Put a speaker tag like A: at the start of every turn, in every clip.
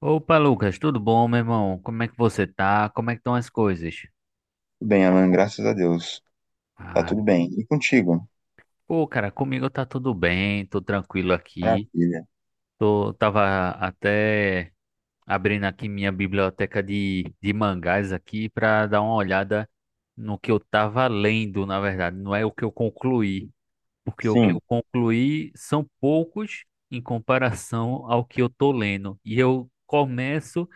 A: Opa, Lucas, tudo bom, meu irmão? Como é que você tá? Como é que estão as coisas?
B: Bem, Alan, graças a Deus. Tá
A: Ah,
B: tudo bem. E contigo?
A: pô, cara, comigo tá tudo bem, tô tranquilo aqui.
B: Maravilha.
A: Tava até abrindo aqui minha biblioteca de mangás aqui pra dar uma olhada no que eu tava lendo, na verdade. Não é o que eu concluí, porque o que eu
B: Sim.
A: concluí são poucos em comparação ao que eu tô lendo. E eu começo,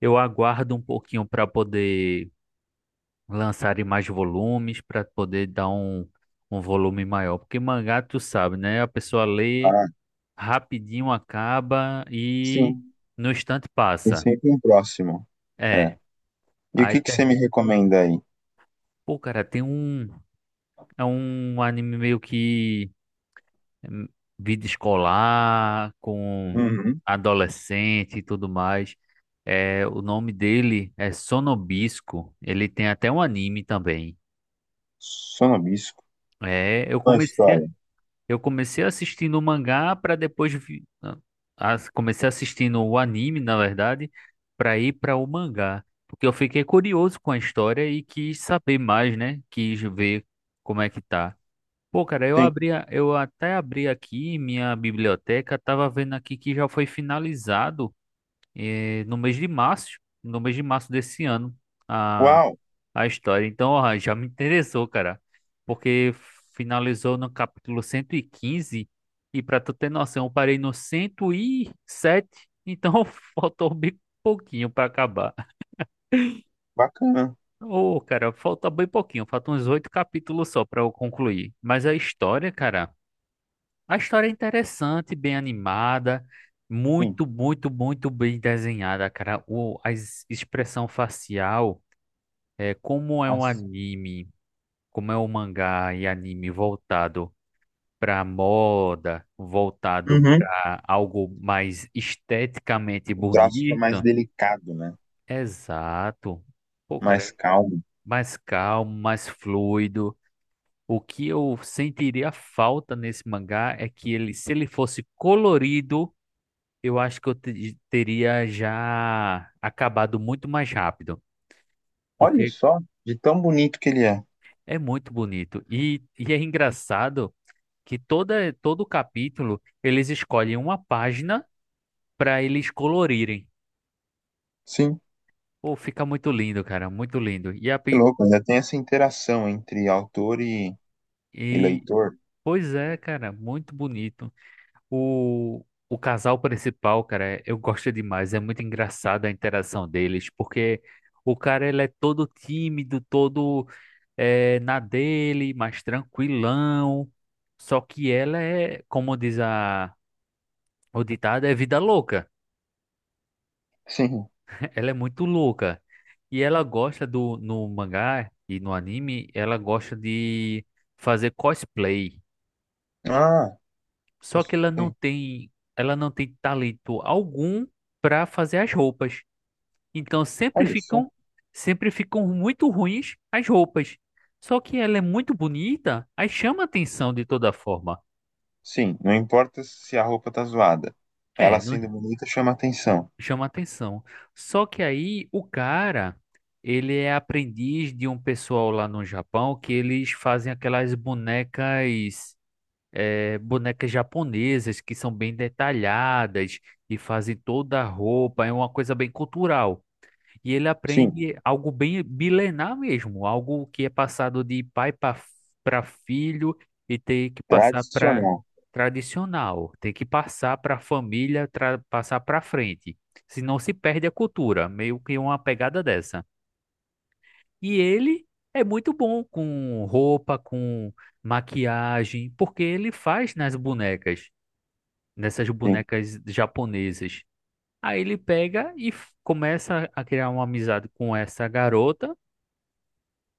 A: eu aguardo um pouquinho pra poder lançarem mais volumes para poder dar um volume maior. Porque mangá, tu sabe, né? A pessoa lê,
B: Ah,
A: rapidinho acaba e
B: sim.
A: no instante
B: Tem
A: passa.
B: sempre um próximo. É.
A: É.
B: E o
A: Aí
B: que que você
A: tem.
B: me recomenda aí?
A: Pô, cara, tem um. É um anime meio que hum, vida escolar, com
B: Uhum.
A: adolescente e tudo mais. É, o nome dele é Sonobisco. Ele tem até um anime também.
B: Sonobisco.
A: É, eu
B: Qual a
A: comecei.
B: história?
A: Eu comecei assistindo o mangá para depois não, comecei assistindo o anime, na verdade, para ir para o mangá, porque eu fiquei curioso com a história e quis saber mais, né? Quis ver como é que tá. Pô, cara,
B: Sim.
A: eu até abri aqui minha biblioteca, tava vendo aqui que já foi finalizado eh, no mês de março, no mês de março desse ano,
B: Uau,
A: a história. Então, ó, já me interessou, cara, porque finalizou no capítulo 115, e pra tu ter noção, eu parei no 107, então faltou bem pouquinho pra acabar.
B: bacana.
A: Ô, cara, falta bem pouquinho, faltam uns oito capítulos só pra eu concluir. Mas a história, cara, a história é interessante, bem animada,
B: Sim.
A: muito, muito, muito bem desenhada, cara. Expressão facial, é, como é um
B: Nossa.
A: anime, como é o mangá e anime voltado para moda, voltado
B: Uhum.
A: para algo mais esteticamente
B: O traço é mais
A: bonito,
B: delicado, né?
A: exato. Pô, cara,
B: Mais
A: é
B: calmo.
A: mais calmo, mais fluido. O que eu sentiria falta nesse mangá é que se ele fosse colorido, eu acho que eu teria já acabado muito mais rápido,
B: Olha
A: porque
B: só, de tão bonito que ele é.
A: é muito bonito. E é engraçado. Que todo capítulo eles escolhem uma página para eles colorirem.
B: Sim,
A: Pô, fica muito lindo, cara, muito lindo. E, a,
B: que
A: pi-
B: louco. Ainda tem essa interação entre autor e
A: e
B: leitor.
A: pois é, cara, muito bonito. O casal principal, cara, eu gosto demais. É muito engraçada a interação deles, porque o cara, ele é todo tímido, todo na dele, mais tranquilão. Só que ela é, como diz o ditado, é vida louca.
B: Sim.
A: Ela é muito louca. E ela gosta no mangá e no anime, ela gosta de fazer cosplay.
B: Ah,
A: Só que ela não
B: gostei.
A: tem, ela não tem talento algum para fazer as roupas. Então sempre
B: Olha só.
A: ficam, sempre ficam muito ruins as roupas. Só que ela é muito bonita, aí chama a atenção de toda forma.
B: Sim, não importa se a roupa tá zoada. Ela
A: É, não,
B: sendo bonita chama atenção.
A: chama atenção. Só que aí o cara, ele é aprendiz de um pessoal lá no Japão, que eles fazem aquelas bonecas, bonecas japonesas que são bem detalhadas e fazem toda a roupa, é uma coisa bem cultural. E ele
B: Sim,
A: aprende algo bem milenar mesmo, algo que é passado de pai para filho e tem que passar para
B: tradicional.
A: tradicional, tem que passar para a família, passar para frente. Senão se perde a cultura, meio que uma pegada dessa. E ele é muito bom com roupa, com maquiagem, porque ele faz nas bonecas, nessas
B: Sim.
A: bonecas japonesas. Aí ele pega e começa a criar uma amizade com essa garota.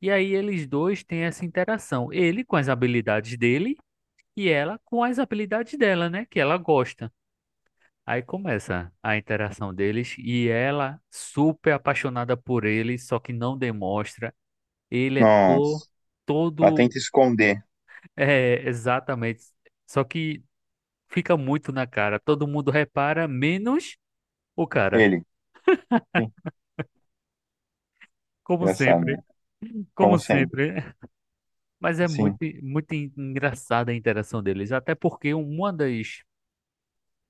A: E aí eles dois têm essa interação. Ele com as habilidades dele e ela com as habilidades dela, né? Que ela gosta. Aí começa a interação deles e ela super apaixonada por ele, só que não demonstra. Ele é
B: Nossa. Ela
A: todo.
B: tenta esconder
A: É, exatamente. Só que fica muito na cara. Todo mundo repara, menos o cara.
B: ele. Sim,
A: Como
B: engraçado, né?
A: sempre, como
B: Como sempre.
A: sempre. Mas é muito,
B: Sim.
A: muito engraçada a interação deles. Até porque uma das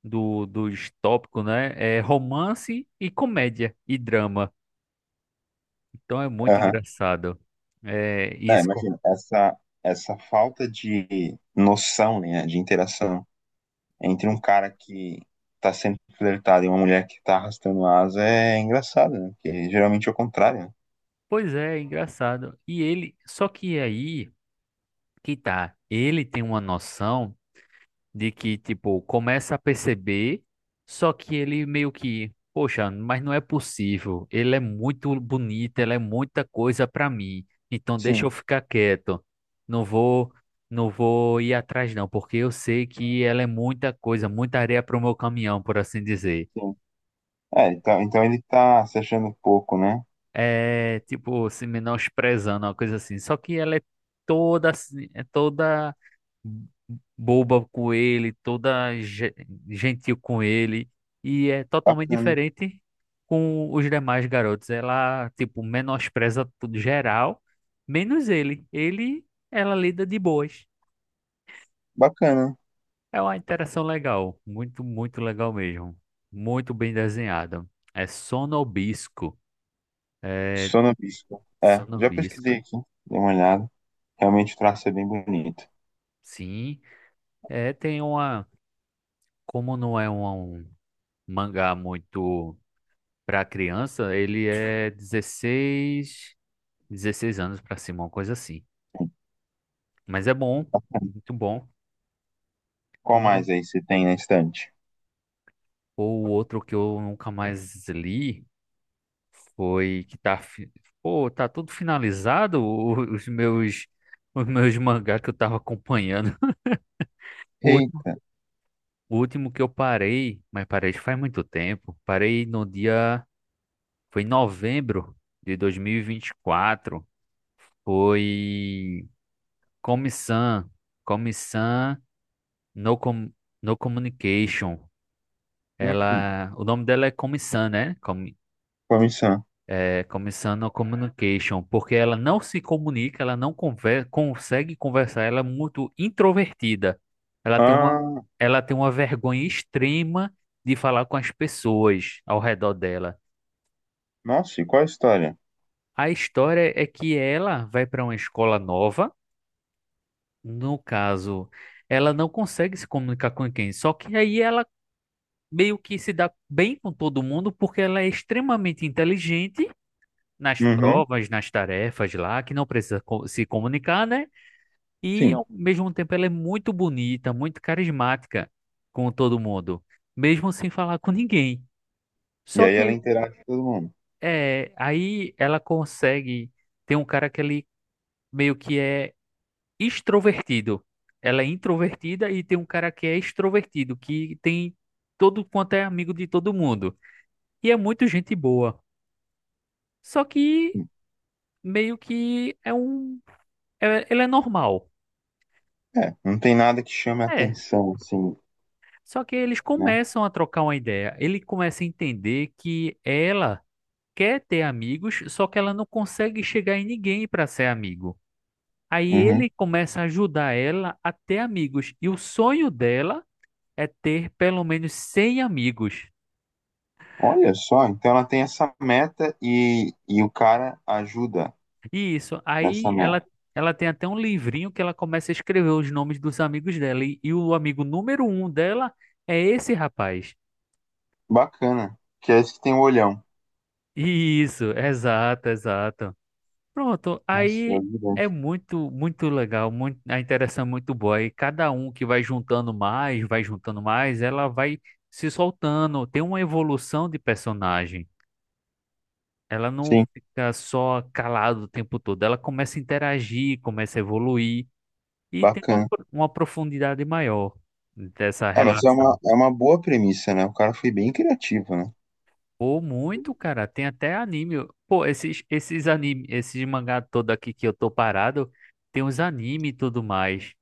A: do, dos tópicos, né? É romance e comédia e drama. Então é muito
B: Aham.
A: engraçado. É
B: É,
A: isso.
B: imagina, essa falta de noção, né, de interação entre um cara que tá sendo flertado e uma mulher que tá arrastando asa é engraçado, né? Porque geralmente é o contrário, né?
A: Pois é, é engraçado. E ele, só que aí que tá, ele tem uma noção de que, tipo, começa a perceber, só que ele meio que, poxa, mas não é possível. Ele é muito bonito, ela é muita coisa pra mim. Então deixa eu
B: Sim,
A: ficar quieto. Não vou, não vou ir atrás não, porque eu sei que ela é muita coisa, muita areia pro meu caminhão, por assim dizer.
B: sim. É, então ele tá se achando pouco, né?
A: É, tipo, se menosprezando, uma coisa assim. Só que ela é toda, assim, é toda boba com ele, toda gentil com ele, e é totalmente
B: Bacana.
A: diferente com os demais garotos. Ela, tipo, menospreza tudo geral, menos ele. Ele, ela lida de boas.
B: Bacana.
A: É uma interação legal, muito, muito legal mesmo. Muito bem desenhada. É Sonobisco. É
B: Sono Bispo. É, já
A: Sonobisco.
B: pesquisei aqui, dei uma olhada. Realmente o traço é bem bonito.
A: Sim, é, tem uma, como não é um mangá muito para criança, ele é 16 anos para cima, uma coisa assim. Mas é bom, muito bom.
B: Qual mais
A: Um
B: aí você tem na estante?
A: ou outro que eu nunca mais li foi que tá, pô, tá tudo finalizado, os meus mangá que eu tava acompanhando. O último,
B: Eita.
A: o último que eu parei, mas parei faz muito tempo. Parei no dia, foi em novembro de dois mil e vinte e quatro. Foi Comissão, Comissão No, Com no Communication.
B: Hum,
A: Ela, o nome dela é Commissan, né?
B: comissão.
A: Commissan no Communication, porque ela não se comunica, ela não consegue conversar, ela é muito introvertida. Ela tem uma,
B: Ah,
A: ela tem uma vergonha extrema de falar com as pessoas ao redor dela.
B: nossa, e qual a história?
A: A história é que ela vai para uma escola nova, no caso, ela não consegue se comunicar com ninguém, só que aí ela meio que se dá bem com todo mundo, porque ela é extremamente inteligente nas
B: Uhum,
A: provas, nas tarefas lá, que não precisa se comunicar, né? E
B: sim.
A: ao mesmo tempo ela é muito bonita, muito carismática com todo mundo, mesmo sem falar com ninguém.
B: E
A: Só
B: aí
A: que
B: ela
A: aí,
B: interage com todo mundo.
A: é, aí ela consegue ter um cara que ele meio que é extrovertido. Ela é introvertida e tem um cara que é extrovertido, que tem todo quanto é amigo de todo mundo. E é muito gente boa. Só que meio que é um. Ele é normal.
B: É, não tem nada que chame a
A: É.
B: atenção, assim,
A: Só que eles
B: né?
A: começam a trocar uma ideia. Ele começa a entender que ela quer ter amigos, só que ela não consegue chegar em ninguém para ser amigo. Aí
B: Uhum.
A: ele começa a ajudar ela a ter amigos. E o sonho dela é ter pelo menos 100 amigos.
B: Olha só, então ela tem essa meta e o cara ajuda
A: E isso.
B: nessa
A: Aí
B: meta.
A: ela tem até um livrinho que ela começa a escrever os nomes dos amigos dela. E o amigo número um dela é esse rapaz.
B: Bacana. Que é esse que tem o olhão.
A: Isso, exato, exato. Pronto,
B: Nossa,
A: aí
B: ajuda.
A: é muito, muito legal, muito, a interação é muito boa. E cada um que vai juntando mais, ela vai se soltando. Tem uma evolução de personagem. Ela não
B: Sim,
A: fica só calada o tempo todo. Ela começa a interagir, começa a evoluir e tem
B: bacana.
A: uma profundidade maior dessa
B: É, mas
A: relação.
B: é uma boa premissa, né? O cara foi bem criativo, né?
A: Pô, muito, cara. Tem até anime. Pô, esses anime, esses mangá todo aqui que eu tô parado, tem os anime e tudo mais.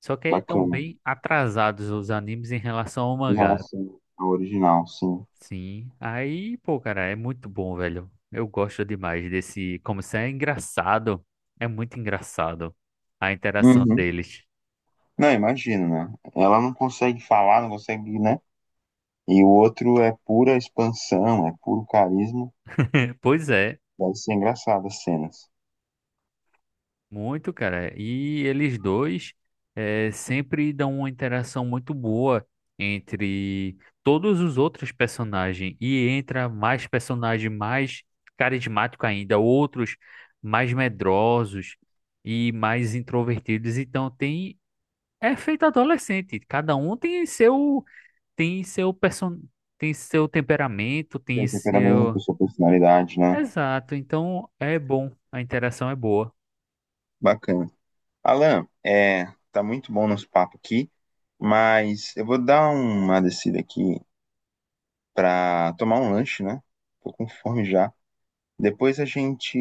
A: Só que aí estão
B: Bacana.
A: bem atrasados os animes em relação ao
B: Em
A: mangá.
B: relação ao original, sim.
A: Sim. Aí, pô, cara, é muito bom, velho. Eu gosto demais desse. Como isso é engraçado. É muito engraçado a interação
B: Uhum.
A: deles.
B: Não, imagino, né? Ela não consegue falar, não consegue, né? E o outro é pura expansão, é puro carisma.
A: Pois é.
B: Deve ser engraçado as cenas.
A: Muito, cara. E eles dois sempre dão uma interação muito boa entre todos os outros personagens. E entra mais personagem mais carismático ainda, outros mais medrosos e mais introvertidos. Então tem é feito adolescente. Cada um tem seu person... tem seu temperamento, tem
B: Tem temperamento,
A: seu.
B: sua personalidade, né?
A: Exato. Então é bom. A interação é boa.
B: Bacana. Alan, é, tá muito bom nosso papo aqui, mas eu vou dar uma descida aqui pra tomar um lanche, né? Tô com fome já. Depois a gente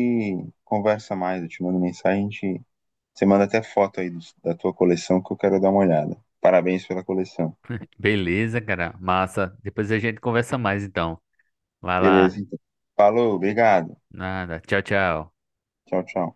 B: conversa mais, eu te mando mensagem, a gente... você manda até foto aí da tua coleção que eu quero dar uma olhada. Parabéns pela coleção.
A: Beleza, cara. Massa. Depois a gente conversa mais, então. Vai lá.
B: Beleza, então. Falou, obrigado.
A: Nada. Tchau, tchau.
B: Tchau, tchau.